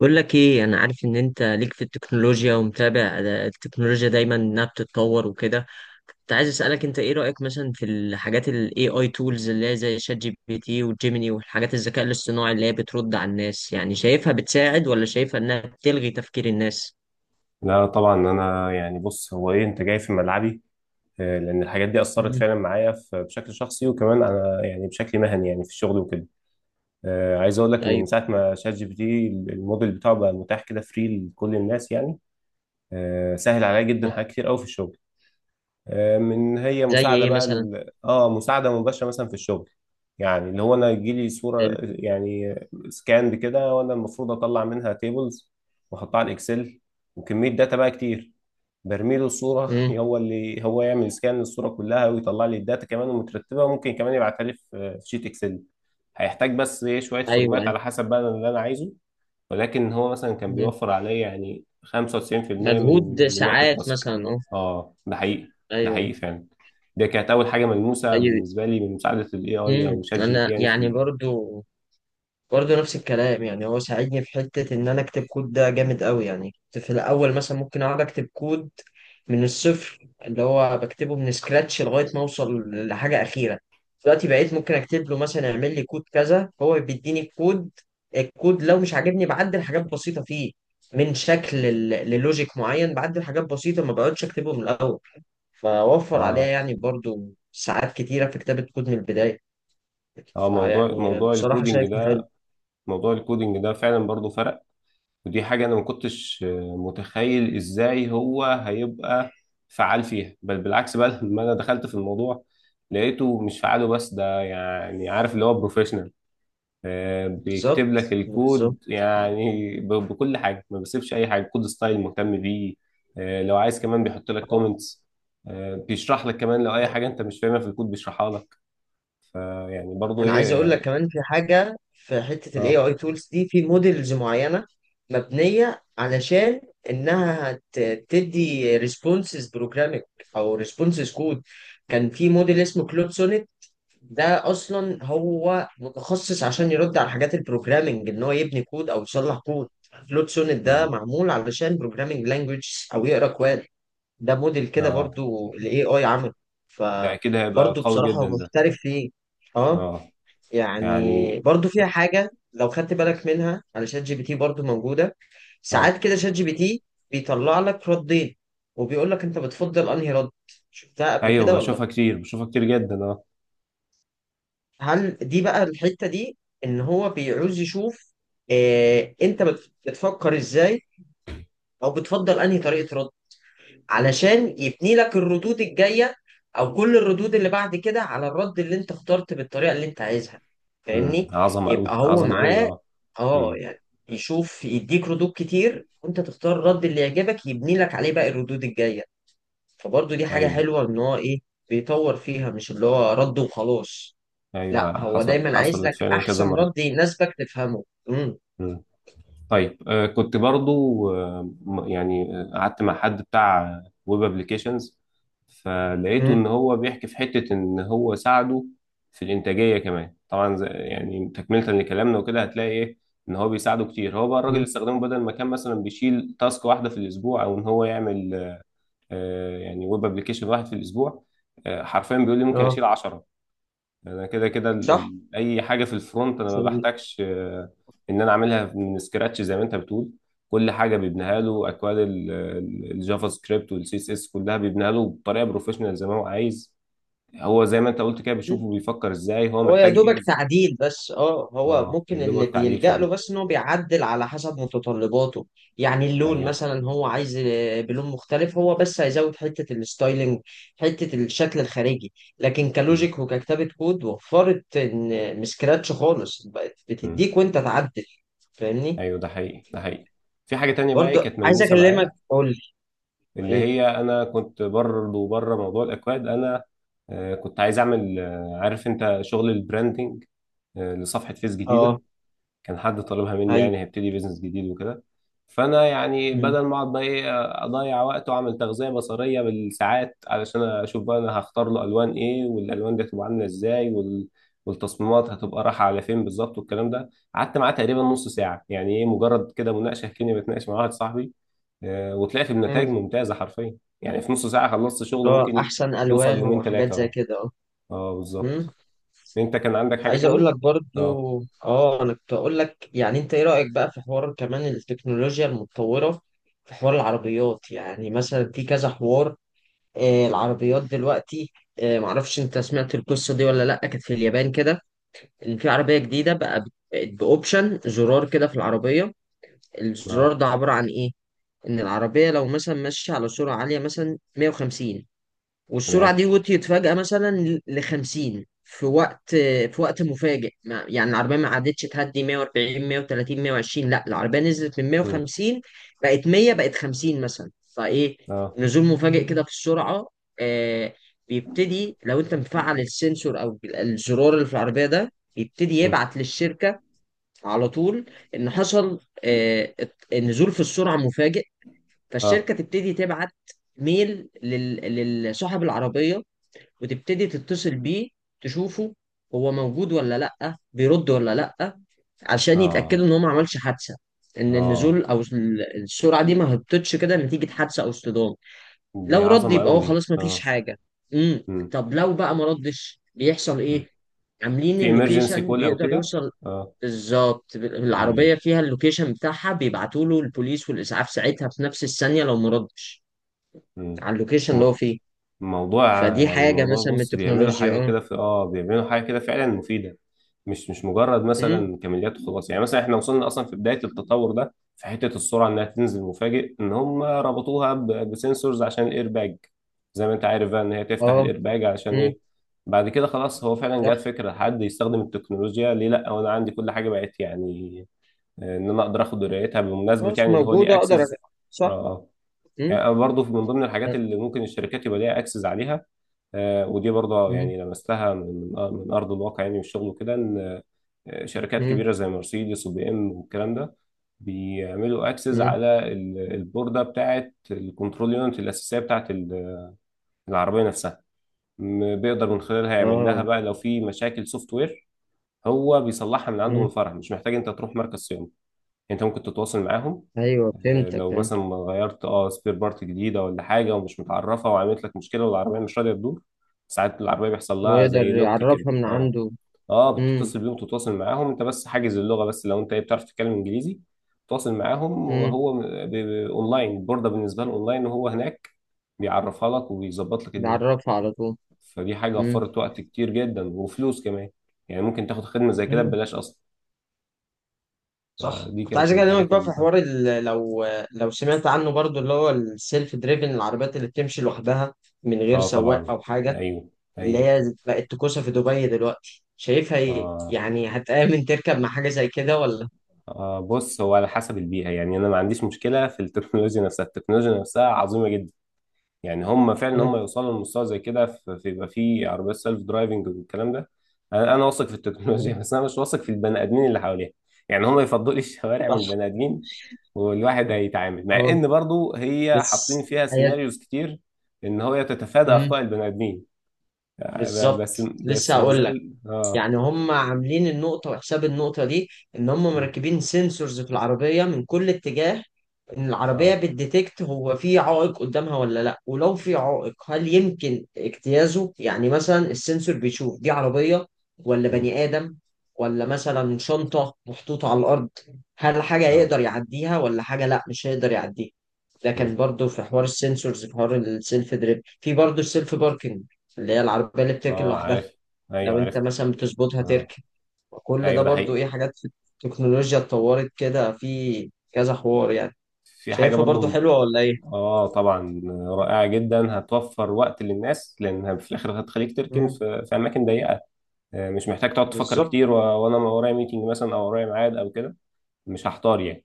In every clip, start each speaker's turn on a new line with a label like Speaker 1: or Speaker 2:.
Speaker 1: بقول لك ايه؟ انا عارف ان انت ليك في التكنولوجيا ومتابع، التكنولوجيا دايما انها بتتطور وكده. كنت عايز اسالك انت ايه رايك مثلا في الحاجات الاي اي تولز اللي هي زي شات جي بي تي وجيميني والحاجات الذكاء الاصطناعي اللي هي بترد على الناس؟ يعني شايفها بتساعد ولا شايفها انها بتلغي تفكير الناس؟
Speaker 2: لا طبعا انا يعني بص هو ايه انت جاي في ملعبي. لان الحاجات دي اثرت
Speaker 1: مم.
Speaker 2: فعلا معايا بشكل شخصي وكمان انا يعني بشكل مهني يعني في الشغل وكده. عايز اقول لك ان من
Speaker 1: ايوه.
Speaker 2: ساعه ما شات جي بي تي الموديل بتاعه بقى متاح كده فري لكل الناس يعني. سهل عليا جدا
Speaker 1: آه.
Speaker 2: حاجات كتير قوي في الشغل. من هي
Speaker 1: زي
Speaker 2: مساعده
Speaker 1: ايه
Speaker 2: بقى
Speaker 1: مثلا؟
Speaker 2: مساعده مباشره مثلا في الشغل. يعني اللي هو انا يجيلي صوره
Speaker 1: حلو.
Speaker 2: يعني سكان كده وانا المفروض اطلع منها تيبلز واحطها على الاكسل وكميه داتا بقى كتير. برمي له الصوره
Speaker 1: امم.
Speaker 2: هو اللي هو يعمل سكان للصوره كلها ويطلع لي الداتا كمان مترتبه وممكن كمان يبعتها لي في شيت اكسل. هيحتاج بس ايه شويه
Speaker 1: ايوه،
Speaker 2: فورمات
Speaker 1: ايوه.
Speaker 2: على حسب بقى اللي انا عايزه. ولكن هو مثلا كان
Speaker 1: مم.
Speaker 2: بيوفر عليا يعني 95% من
Speaker 1: مجهود
Speaker 2: من وقت
Speaker 1: ساعات
Speaker 2: التاسك.
Speaker 1: مثلا، اه.
Speaker 2: اه ده حقيقي. ده
Speaker 1: ايوه،
Speaker 2: حقيقي فعلا. دي كانت اول حاجه ملموسه
Speaker 1: ايوه.
Speaker 2: بالنسبه لي من مساعده الاي اي او شات جي بي تي
Speaker 1: انا
Speaker 2: يعني في
Speaker 1: يعني برضو، برضه نفس الكلام. يعني هو ساعدني في حتة إن أنا أكتب كود، ده جامد أوي. يعني كنت في الأول مثلا ممكن أقعد أكتب كود من الصفر، اللي هو بكتبه من سكراتش لغاية ما أوصل لحاجة أخيرة. دلوقتي بقيت ممكن أكتب له مثلا اعمل لي كود كذا، هو بيديني الكود. الكود لو مش عاجبني بعدل حاجات بسيطة فيه، من شكل للوجيك معين، بعدل حاجات بسيطة ما بقعدش أكتبه من الأول. فوفر عليها
Speaker 2: اه
Speaker 1: يعني برضه ساعات كتيرة في كتابة كود من البداية.
Speaker 2: اه موضوع
Speaker 1: فيعني
Speaker 2: موضوع
Speaker 1: بصراحة
Speaker 2: الكودينج
Speaker 1: شايف.
Speaker 2: ده. فعلا برضو فرق. ودي حاجة أنا ما كنتش متخيل إزاي هو هيبقى فعال فيها، بل بالعكس بقى لما أنا دخلت في الموضوع لقيته مش فعاله. بس ده يعني عارف اللي هو بروفيشنال
Speaker 1: بالظبط،
Speaker 2: بيكتب لك
Speaker 1: بالظبط.
Speaker 2: الكود يعني بكل حاجة، ما بيسيبش أي حاجة، كود ستايل مهتم بيه. لو عايز كمان بيحط لك
Speaker 1: اه،
Speaker 2: كومنتس. بيشرح لك كمان لو أي
Speaker 1: يعني
Speaker 2: حاجة أنت مش فاهمها في الكود بيشرحها لك. يعني برضو
Speaker 1: انا
Speaker 2: إيه
Speaker 1: عايز اقول لك
Speaker 2: يعني.
Speaker 1: كمان في حاجه، في حته الاي
Speaker 2: آه
Speaker 1: اي تولز دي في موديلز معينه مبنيه علشان انها تدي ريسبونسز بروجرامينج او ريسبونسز كود. كان في موديل اسمه كلود سونيت. ده اصلا هو متخصص عشان يرد على حاجات البروجرامينج، ان هو يبني كود او يصلح كود. كلود سونيت ده
Speaker 2: مم.
Speaker 1: معمول علشان بروجرامينج لانجويج او يقرا كواد. ده موديل كده
Speaker 2: آه
Speaker 1: برضو الاي اي عمله.
Speaker 2: ده أكيد هيبقى
Speaker 1: فبرضو
Speaker 2: قوي
Speaker 1: بصراحة هو
Speaker 2: جدا ده.
Speaker 1: محترف فيه. اه،
Speaker 2: آه
Speaker 1: يعني
Speaker 2: يعني
Speaker 1: برضو فيها حاجة لو خدت بالك منها على شات جي بي تي برضو موجودة.
Speaker 2: آه.
Speaker 1: ساعات كده شات جي بي تي بيطلع لك ردين وبيقول لك انت بتفضل انهي رد. شفتها قبل
Speaker 2: ايوه
Speaker 1: كده ولا؟
Speaker 2: بشوفها كتير جدا اه.
Speaker 1: هل دي بقى الحتة دي، ان هو بيعوز يشوف، اه انت بتفكر ازاي او بتفضل انهي طريقة رد، علشان يبني لك الردود الجاية، او كل الردود اللي بعد كده على الرد اللي انت اخترت بالطريقة اللي انت عايزها.
Speaker 2: امم،
Speaker 1: فاهمني؟
Speaker 2: عظمه قوي،
Speaker 1: يبقى هو
Speaker 2: عظمه قوي
Speaker 1: معاه
Speaker 2: اه.
Speaker 1: اه
Speaker 2: امم.
Speaker 1: يعني، يشوف، يديك ردود كتير وانت تختار الرد اللي يعجبك يبني لك عليه بقى الردود الجاية. فبرضه دي حاجة
Speaker 2: ايوه
Speaker 1: حلوة، ان هو ايه بيطور فيها، مش اللي هو رد وخلاص. لا
Speaker 2: ايوه.
Speaker 1: هو دايما عايز
Speaker 2: حصلت
Speaker 1: لك
Speaker 2: فعلا كذا
Speaker 1: احسن
Speaker 2: مره.
Speaker 1: رد يناسبك تفهمه. امم.
Speaker 2: امم. طيب كنت برضو قعدت مع حد بتاع ويب ابلكيشنز، فلقيته
Speaker 1: امم.
Speaker 2: ان هو بيحكي في حته ان هو ساعده في الانتاجيه كمان طبعا زي يعني تكمله لكلامنا وكده. هتلاقي ايه ان هو بيساعده كتير. هو بقى الراجل اللي استخدمه بدل ما كان مثلا بيشيل تاسك واحده في الاسبوع او ان هو يعمل يعني ويب ابلكيشن واحد في الاسبوع. حرفيا بيقول لي ممكن
Speaker 1: اه،
Speaker 2: اشيل 10. انا كده كده
Speaker 1: صح.
Speaker 2: اي حاجه في الفرونت انا ما بحتاجش، ان انا اعملها من سكراتش زي ما انت بتقول. كل حاجه بيبنيها له، اكواد الجافا سكريبت والسي اس اس كلها بيبنيها له بطريقه بروفيشنال زي ما هو عايز. هو زي ما انت قلت كده بيشوفه، بيفكر ازاي، هو
Speaker 1: هو يا
Speaker 2: محتاج ايه
Speaker 1: دوبك
Speaker 2: بالظبط.
Speaker 1: تعديل بس، هو
Speaker 2: اه يا
Speaker 1: ممكن اللي
Speaker 2: دوبك تعديل
Speaker 1: بيلجأ له
Speaker 2: فعلي.
Speaker 1: بس ان هو بيعدل على حسب متطلباته. يعني اللون
Speaker 2: ايوه.
Speaker 1: مثلا هو عايز بلون مختلف، هو بس هيزود حتة الستايلينج، حتة الشكل الخارجي. لكن
Speaker 2: م-
Speaker 1: كلوجيك وككتابة كود، وفرت ان من سكراتش خالص بقت
Speaker 2: م.
Speaker 1: بتديك وانت تعدل. فاهمني؟
Speaker 2: ايوه ده حقيقي. ده حقيقي. في حاجه تانية بقى إيه
Speaker 1: برضه
Speaker 2: كانت
Speaker 1: عايز
Speaker 2: ملموسه
Speaker 1: اكلمك،
Speaker 2: معايا،
Speaker 1: قول لي.
Speaker 2: اللي
Speaker 1: ايه؟
Speaker 2: هي انا كنت برضه بره موضوع الاكواد. انا كنت عايز اعمل عارف انت شغل البراندنج، لصفحه فيس جديده.
Speaker 1: اه،
Speaker 2: كان حد طالبها مني
Speaker 1: ايوه.
Speaker 2: يعني هيبتدي بيزنس جديد وكده. فانا يعني
Speaker 1: مم.
Speaker 2: بدل ما اقعد بقى ايه اضيع وقت واعمل تغذيه بصريه بالساعات علشان اشوف بقى انا هختار له الوان ايه والالوان دي هتبقى عامله ازاي والتصميمات هتبقى رايحه على فين بالظبط والكلام ده، قعدت معاه تقريبا نص ساعه يعني ايه، مجرد كده مناقشه كاني بتناقش مع واحد صاحبي. وطلعت
Speaker 1: مم.
Speaker 2: بنتائج ممتازه حرفيا. يعني في نص ساعه خلصت شغل
Speaker 1: اللي هو
Speaker 2: ممكن
Speaker 1: احسن
Speaker 2: يوصل
Speaker 1: الوان
Speaker 2: يومين
Speaker 1: وحاجات
Speaker 2: ثلاثه
Speaker 1: زي
Speaker 2: اه.
Speaker 1: كده.
Speaker 2: اه
Speaker 1: اه.
Speaker 2: بالظبط. انت كان عندك حاجه
Speaker 1: عايز اقول
Speaker 2: تاني؟
Speaker 1: لك برضو.
Speaker 2: اه.
Speaker 1: اه، انا كنت اقول لك، يعني انت ايه رأيك بقى في حوار كمان التكنولوجيا المتطورة في حوار العربيات؟ يعني مثلا في كذا حوار. العربيات دلوقتي، معرفش انت سمعت القصة دي ولا لا. كانت في اليابان كده، ان في عربية جديدة بقى بقت باوبشن زرار كده في العربية.
Speaker 2: اه
Speaker 1: الزرار ده عبارة عن ايه؟ ان العربية لو مثلا ماشية على سرعة عالية مثلا 150، والسرعة
Speaker 2: تمام.
Speaker 1: دي وطيت فجأة مثلا ل 50 في وقت مفاجئ، يعني العربية ما عادتش تهدي 140 130 120، لا العربية نزلت من
Speaker 2: مم.
Speaker 1: 150 بقت 100 بقت 50 مثلا. فإيه
Speaker 2: اه.
Speaker 1: نزول مفاجئ كده في السرعة، آه بيبتدي لو أنت مفعل السنسور أو الزرار اللي في العربية، ده بيبتدي
Speaker 2: مم.
Speaker 1: يبعت للشركة على طول، إن حصل آه نزول في السرعة مفاجئ.
Speaker 2: اه.
Speaker 1: فالشركة تبتدي تبعت ميل لصاحب العربية وتبتدي تتصل بيه، تشوفه هو موجود ولا لأ، بيرد ولا لأ، عشان يتأكدوا
Speaker 2: اه.
Speaker 1: إن هو ما عملش حادثة، إن
Speaker 2: اه.
Speaker 1: النزول أو السرعة دي ما هبطتش كده نتيجة حادثة أو اصطدام.
Speaker 2: دي
Speaker 1: لو رد
Speaker 2: عظمه
Speaker 1: يبقى
Speaker 2: قوي
Speaker 1: هو
Speaker 2: دي
Speaker 1: خلاص ما فيش
Speaker 2: اه.
Speaker 1: حاجة.
Speaker 2: مم.
Speaker 1: طب لو بقى ما ردش بيحصل
Speaker 2: مم.
Speaker 1: إيه؟ عاملين
Speaker 2: في emergency
Speaker 1: اللوكيشن
Speaker 2: call او
Speaker 1: بيقدر
Speaker 2: كده.
Speaker 1: يوصل.
Speaker 2: اه.
Speaker 1: بالظبط،
Speaker 2: مم.
Speaker 1: العربية فيها اللوكيشن بتاعها، بيبعتوا له البوليس والإسعاف ساعتها في نفس الثانية لو ما ردش على اللوكيشن اللي
Speaker 2: مم.
Speaker 1: هو فيه.
Speaker 2: الموضوع.
Speaker 1: فدي
Speaker 2: يعني
Speaker 1: حاجة
Speaker 2: موضوع،
Speaker 1: مثلا من
Speaker 2: بص بيعملوا
Speaker 1: التكنولوجيا،
Speaker 2: حاجة
Speaker 1: اه.
Speaker 2: كده في بيعملوا حاجة كده فعلا مفيدة. مش مجرد
Speaker 1: إمم.
Speaker 2: مثلا كماليات وخلاص يعني. مثلا احنا وصلنا اصلا في بداية التطور ده، في حتة السرعة انها تنزل مفاجئ ان هم ربطوها بسنسورز عشان الايرباج، زي ما انت عارف بقى ان هي تفتح
Speaker 1: اه.
Speaker 2: الايرباج علشان
Speaker 1: امم.
Speaker 2: ايه. بعد كده خلاص هو فعلا جات
Speaker 1: صح.
Speaker 2: فكرة حد يستخدم التكنولوجيا، ليه لا وانا عندي كل حاجة بقت يعني. ان انا اقدر اخد درايتها بمناسبة
Speaker 1: خلاص
Speaker 2: يعني ان هو ليه
Speaker 1: موجودة، اقدر
Speaker 2: اكسس. اه
Speaker 1: صح. امم،
Speaker 2: يعني انا برضه من ضمن الحاجات اللي ممكن الشركات يبقى ليها اكسس عليها. ودي برضه
Speaker 1: امم،
Speaker 2: يعني لمستها من من ارض الواقع يعني، والشغل وكده، ان شركات
Speaker 1: امم،
Speaker 2: كبيره زي مرسيدس وبي ام والكلام ده بيعملوا اكسس
Speaker 1: امم.
Speaker 2: على البورده بتاعه الكنترول يونت الاساسيه بتاعه العربيه نفسها. بيقدر من خلالها يعمل
Speaker 1: اه.
Speaker 2: لها بقى لو في مشاكل سوفت وير. هو بيصلحها من عنده، من
Speaker 1: امم.
Speaker 2: الفرع، مش محتاج انت تروح مركز صيانه، انت ممكن تتواصل معاهم.
Speaker 1: ايوه، فهمتك،
Speaker 2: لو
Speaker 1: فهمت.
Speaker 2: مثلا غيرت اه سبير بارت جديده ولا حاجه ومش متعرفه وعملت لك مشكله والعربيه مش راضيه تدور، ساعات العربيه بيحصل لها
Speaker 1: ويقدر
Speaker 2: زي لوك كده
Speaker 1: يعرفها من
Speaker 2: اه.
Speaker 1: عنده.
Speaker 2: اه
Speaker 1: امم.
Speaker 2: بتتصل بيهم، تتواصل معاهم انت، بس حاجز اللغه. بس لو انت ايه بتعرف تتكلم انجليزي تواصل معاهم،
Speaker 1: امم.
Speaker 2: وهو اونلاين، البورده بالنسبه له اونلاين وهو هناك بيعرفها لك وبيظبط لك الدنيا.
Speaker 1: بيعرفها على طول.
Speaker 2: فدي حاجه
Speaker 1: امم.
Speaker 2: وفرت وقت كتير جدا وفلوس كمان، يعني ممكن تاخد خدمه زي كده
Speaker 1: مم.
Speaker 2: ببلاش اصلا.
Speaker 1: صح،
Speaker 2: فدي
Speaker 1: كنت
Speaker 2: كانت
Speaker 1: عايز
Speaker 2: من
Speaker 1: اكلمك
Speaker 2: الحاجات
Speaker 1: بقى في
Speaker 2: اللي اه.
Speaker 1: حوار لو سمعت عنه برضو، اللي هو السيلف دريفن، العربيات اللي بتمشي لوحدها من غير
Speaker 2: آه
Speaker 1: سواق
Speaker 2: طبعا.
Speaker 1: او حاجه،
Speaker 2: ايوه
Speaker 1: اللي
Speaker 2: ايوه.
Speaker 1: هي بقت تكوسه في دبي دلوقتي. شايفها ايه؟
Speaker 2: آه
Speaker 1: يعني هتآمن تركب مع حاجه زي كده ولا؟
Speaker 2: بص هو على حسب البيئة. يعني أنا ما عنديش مشكلة في التكنولوجيا نفسها، التكنولوجيا نفسها عظيمة جدا. يعني هم فعلا
Speaker 1: مم.
Speaker 2: هم يوصلوا لمستوى زي كده في يبقى في عربيات سيلف درايفنج والكلام ده. أنا واثق في التكنولوجيا
Speaker 1: مم.
Speaker 2: بس أنا مش واثق في البني آدمين اللي حواليها، يعني هم يفضلوا لي الشوارع من البني آدمين. والواحد هيتعامل مع
Speaker 1: اه،
Speaker 2: إن برضو هي حاطين
Speaker 1: بس
Speaker 2: فيها
Speaker 1: حياة.
Speaker 2: سيناريوز كتير، إن هو تتفادى
Speaker 1: مم،
Speaker 2: أخطاء البني آدمين.
Speaker 1: بالظبط، لسه
Speaker 2: بس ما
Speaker 1: هقول لك.
Speaker 2: زال
Speaker 1: يعني هم عاملين النقطة، وحساب النقطة دي ان هم
Speaker 2: م،
Speaker 1: مركبين سنسورز في العربية من كل اتجاه، ان العربية
Speaker 2: آه
Speaker 1: بتديتكت هو في عائق قدامها ولا لا، ولو في عائق هل يمكن اجتيازه. يعني مثلا السنسور بيشوف دي عربية ولا
Speaker 2: م،
Speaker 1: بني آدم ولا مثلا شنطة محطوطة على الأرض، هل حاجة
Speaker 2: آه
Speaker 1: يقدر يعديها ولا حاجة لا مش هيقدر يعديها.
Speaker 2: م،
Speaker 1: لكن برضو في حوار السنسورز، في حوار السيلف دريب، في برضو السيلف باركنج اللي هي العربية اللي بتركن
Speaker 2: آه
Speaker 1: لوحدها،
Speaker 2: عارف. أيوه
Speaker 1: لو انت
Speaker 2: عارف.
Speaker 1: مثلا بتظبطها
Speaker 2: اه
Speaker 1: تركن. وكل ده
Speaker 2: ايوه ده
Speaker 1: برضو
Speaker 2: حقيقي.
Speaker 1: ايه، حاجات في التكنولوجيا اتطورت كده في كذا حوار يعني.
Speaker 2: في حاجه
Speaker 1: شايفها برضو
Speaker 2: برضو
Speaker 1: حلوة ولا ايه؟
Speaker 2: اه طبعا. رائعه جدا، هتوفر وقت للناس لان في الاخر هتخليك تركن
Speaker 1: مم.
Speaker 2: في، في اماكن ضيقه. مش محتاج تقعد تفكر
Speaker 1: بالظبط.
Speaker 2: كتير وانا ورايا ميتنج مثلا او ورايا ميعاد او كده، مش هحتار يعني.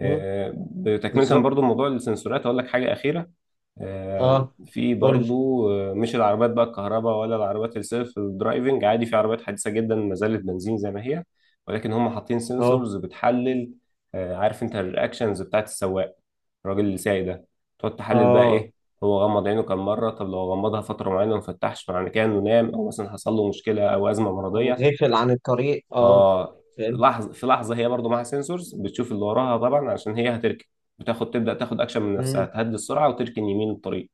Speaker 1: مم.
Speaker 2: بتكمله
Speaker 1: بالظبط.
Speaker 2: برضو موضوع السنسورات، اقول لك حاجه اخيره. آه،
Speaker 1: اه،
Speaker 2: في
Speaker 1: قول.
Speaker 2: برضو مش العربيات بقى الكهرباء ولا العربيات السيلف درايفنج، عادي في عربيات حديثة جدا ما زالت بنزين زي ما هي ولكن هم حاطين
Speaker 1: اه،
Speaker 2: سنسورز بتحلل. عارف انت الرياكشنز بتاعت السواق، الراجل اللي سايق ده، تقعد تحلل بقى
Speaker 1: اه،
Speaker 2: ايه. هو غمض عينه كام مرة، طب لو غمضها فترة معينة وما فتحش معنى كده انه نام او مثلا حصل له مشكلة او أزمة
Speaker 1: او
Speaker 2: مرضية.
Speaker 1: غافل عن الطريق، اه.
Speaker 2: اه
Speaker 1: فهمت.
Speaker 2: لحظة في لحظة. هي برضو معاها سنسورز بتشوف اللي وراها طبعا عشان هي هتركن، بتاخد تبدأ تاخد اكشن من نفسها،
Speaker 1: مم.
Speaker 2: تهدي السرعة وتركن يمين الطريق،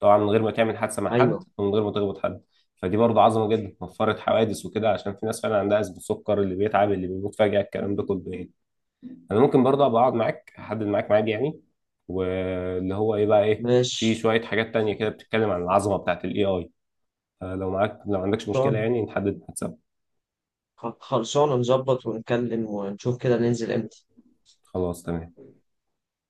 Speaker 2: طبعا من غير ما تعمل حادثه مع حد
Speaker 1: ايوه،
Speaker 2: ومن غير ما تخبط حد. فدي برضه عظمه جدا، وفرت حوادث وكده عشان في ناس فعلا عندها ازمه سكر، اللي بيتعب، اللي بيموت فجاه، الكلام ده كله يعني. انا ممكن برضه ابقى اقعد معاك، احدد معاك ميعاد يعني، واللي هو ايه بقى، ايه في
Speaker 1: ماشي.
Speaker 2: شويه حاجات تانية كده بتتكلم عن العظمه بتاعت الاي اي. لو معاك، لو عندكش مشكله
Speaker 1: خلصان-
Speaker 2: يعني، نحدد ميعاد سوا.
Speaker 1: خلصانة نظبط ونتكلم ونشوف كده ننزل امتى.
Speaker 2: خلاص تمام.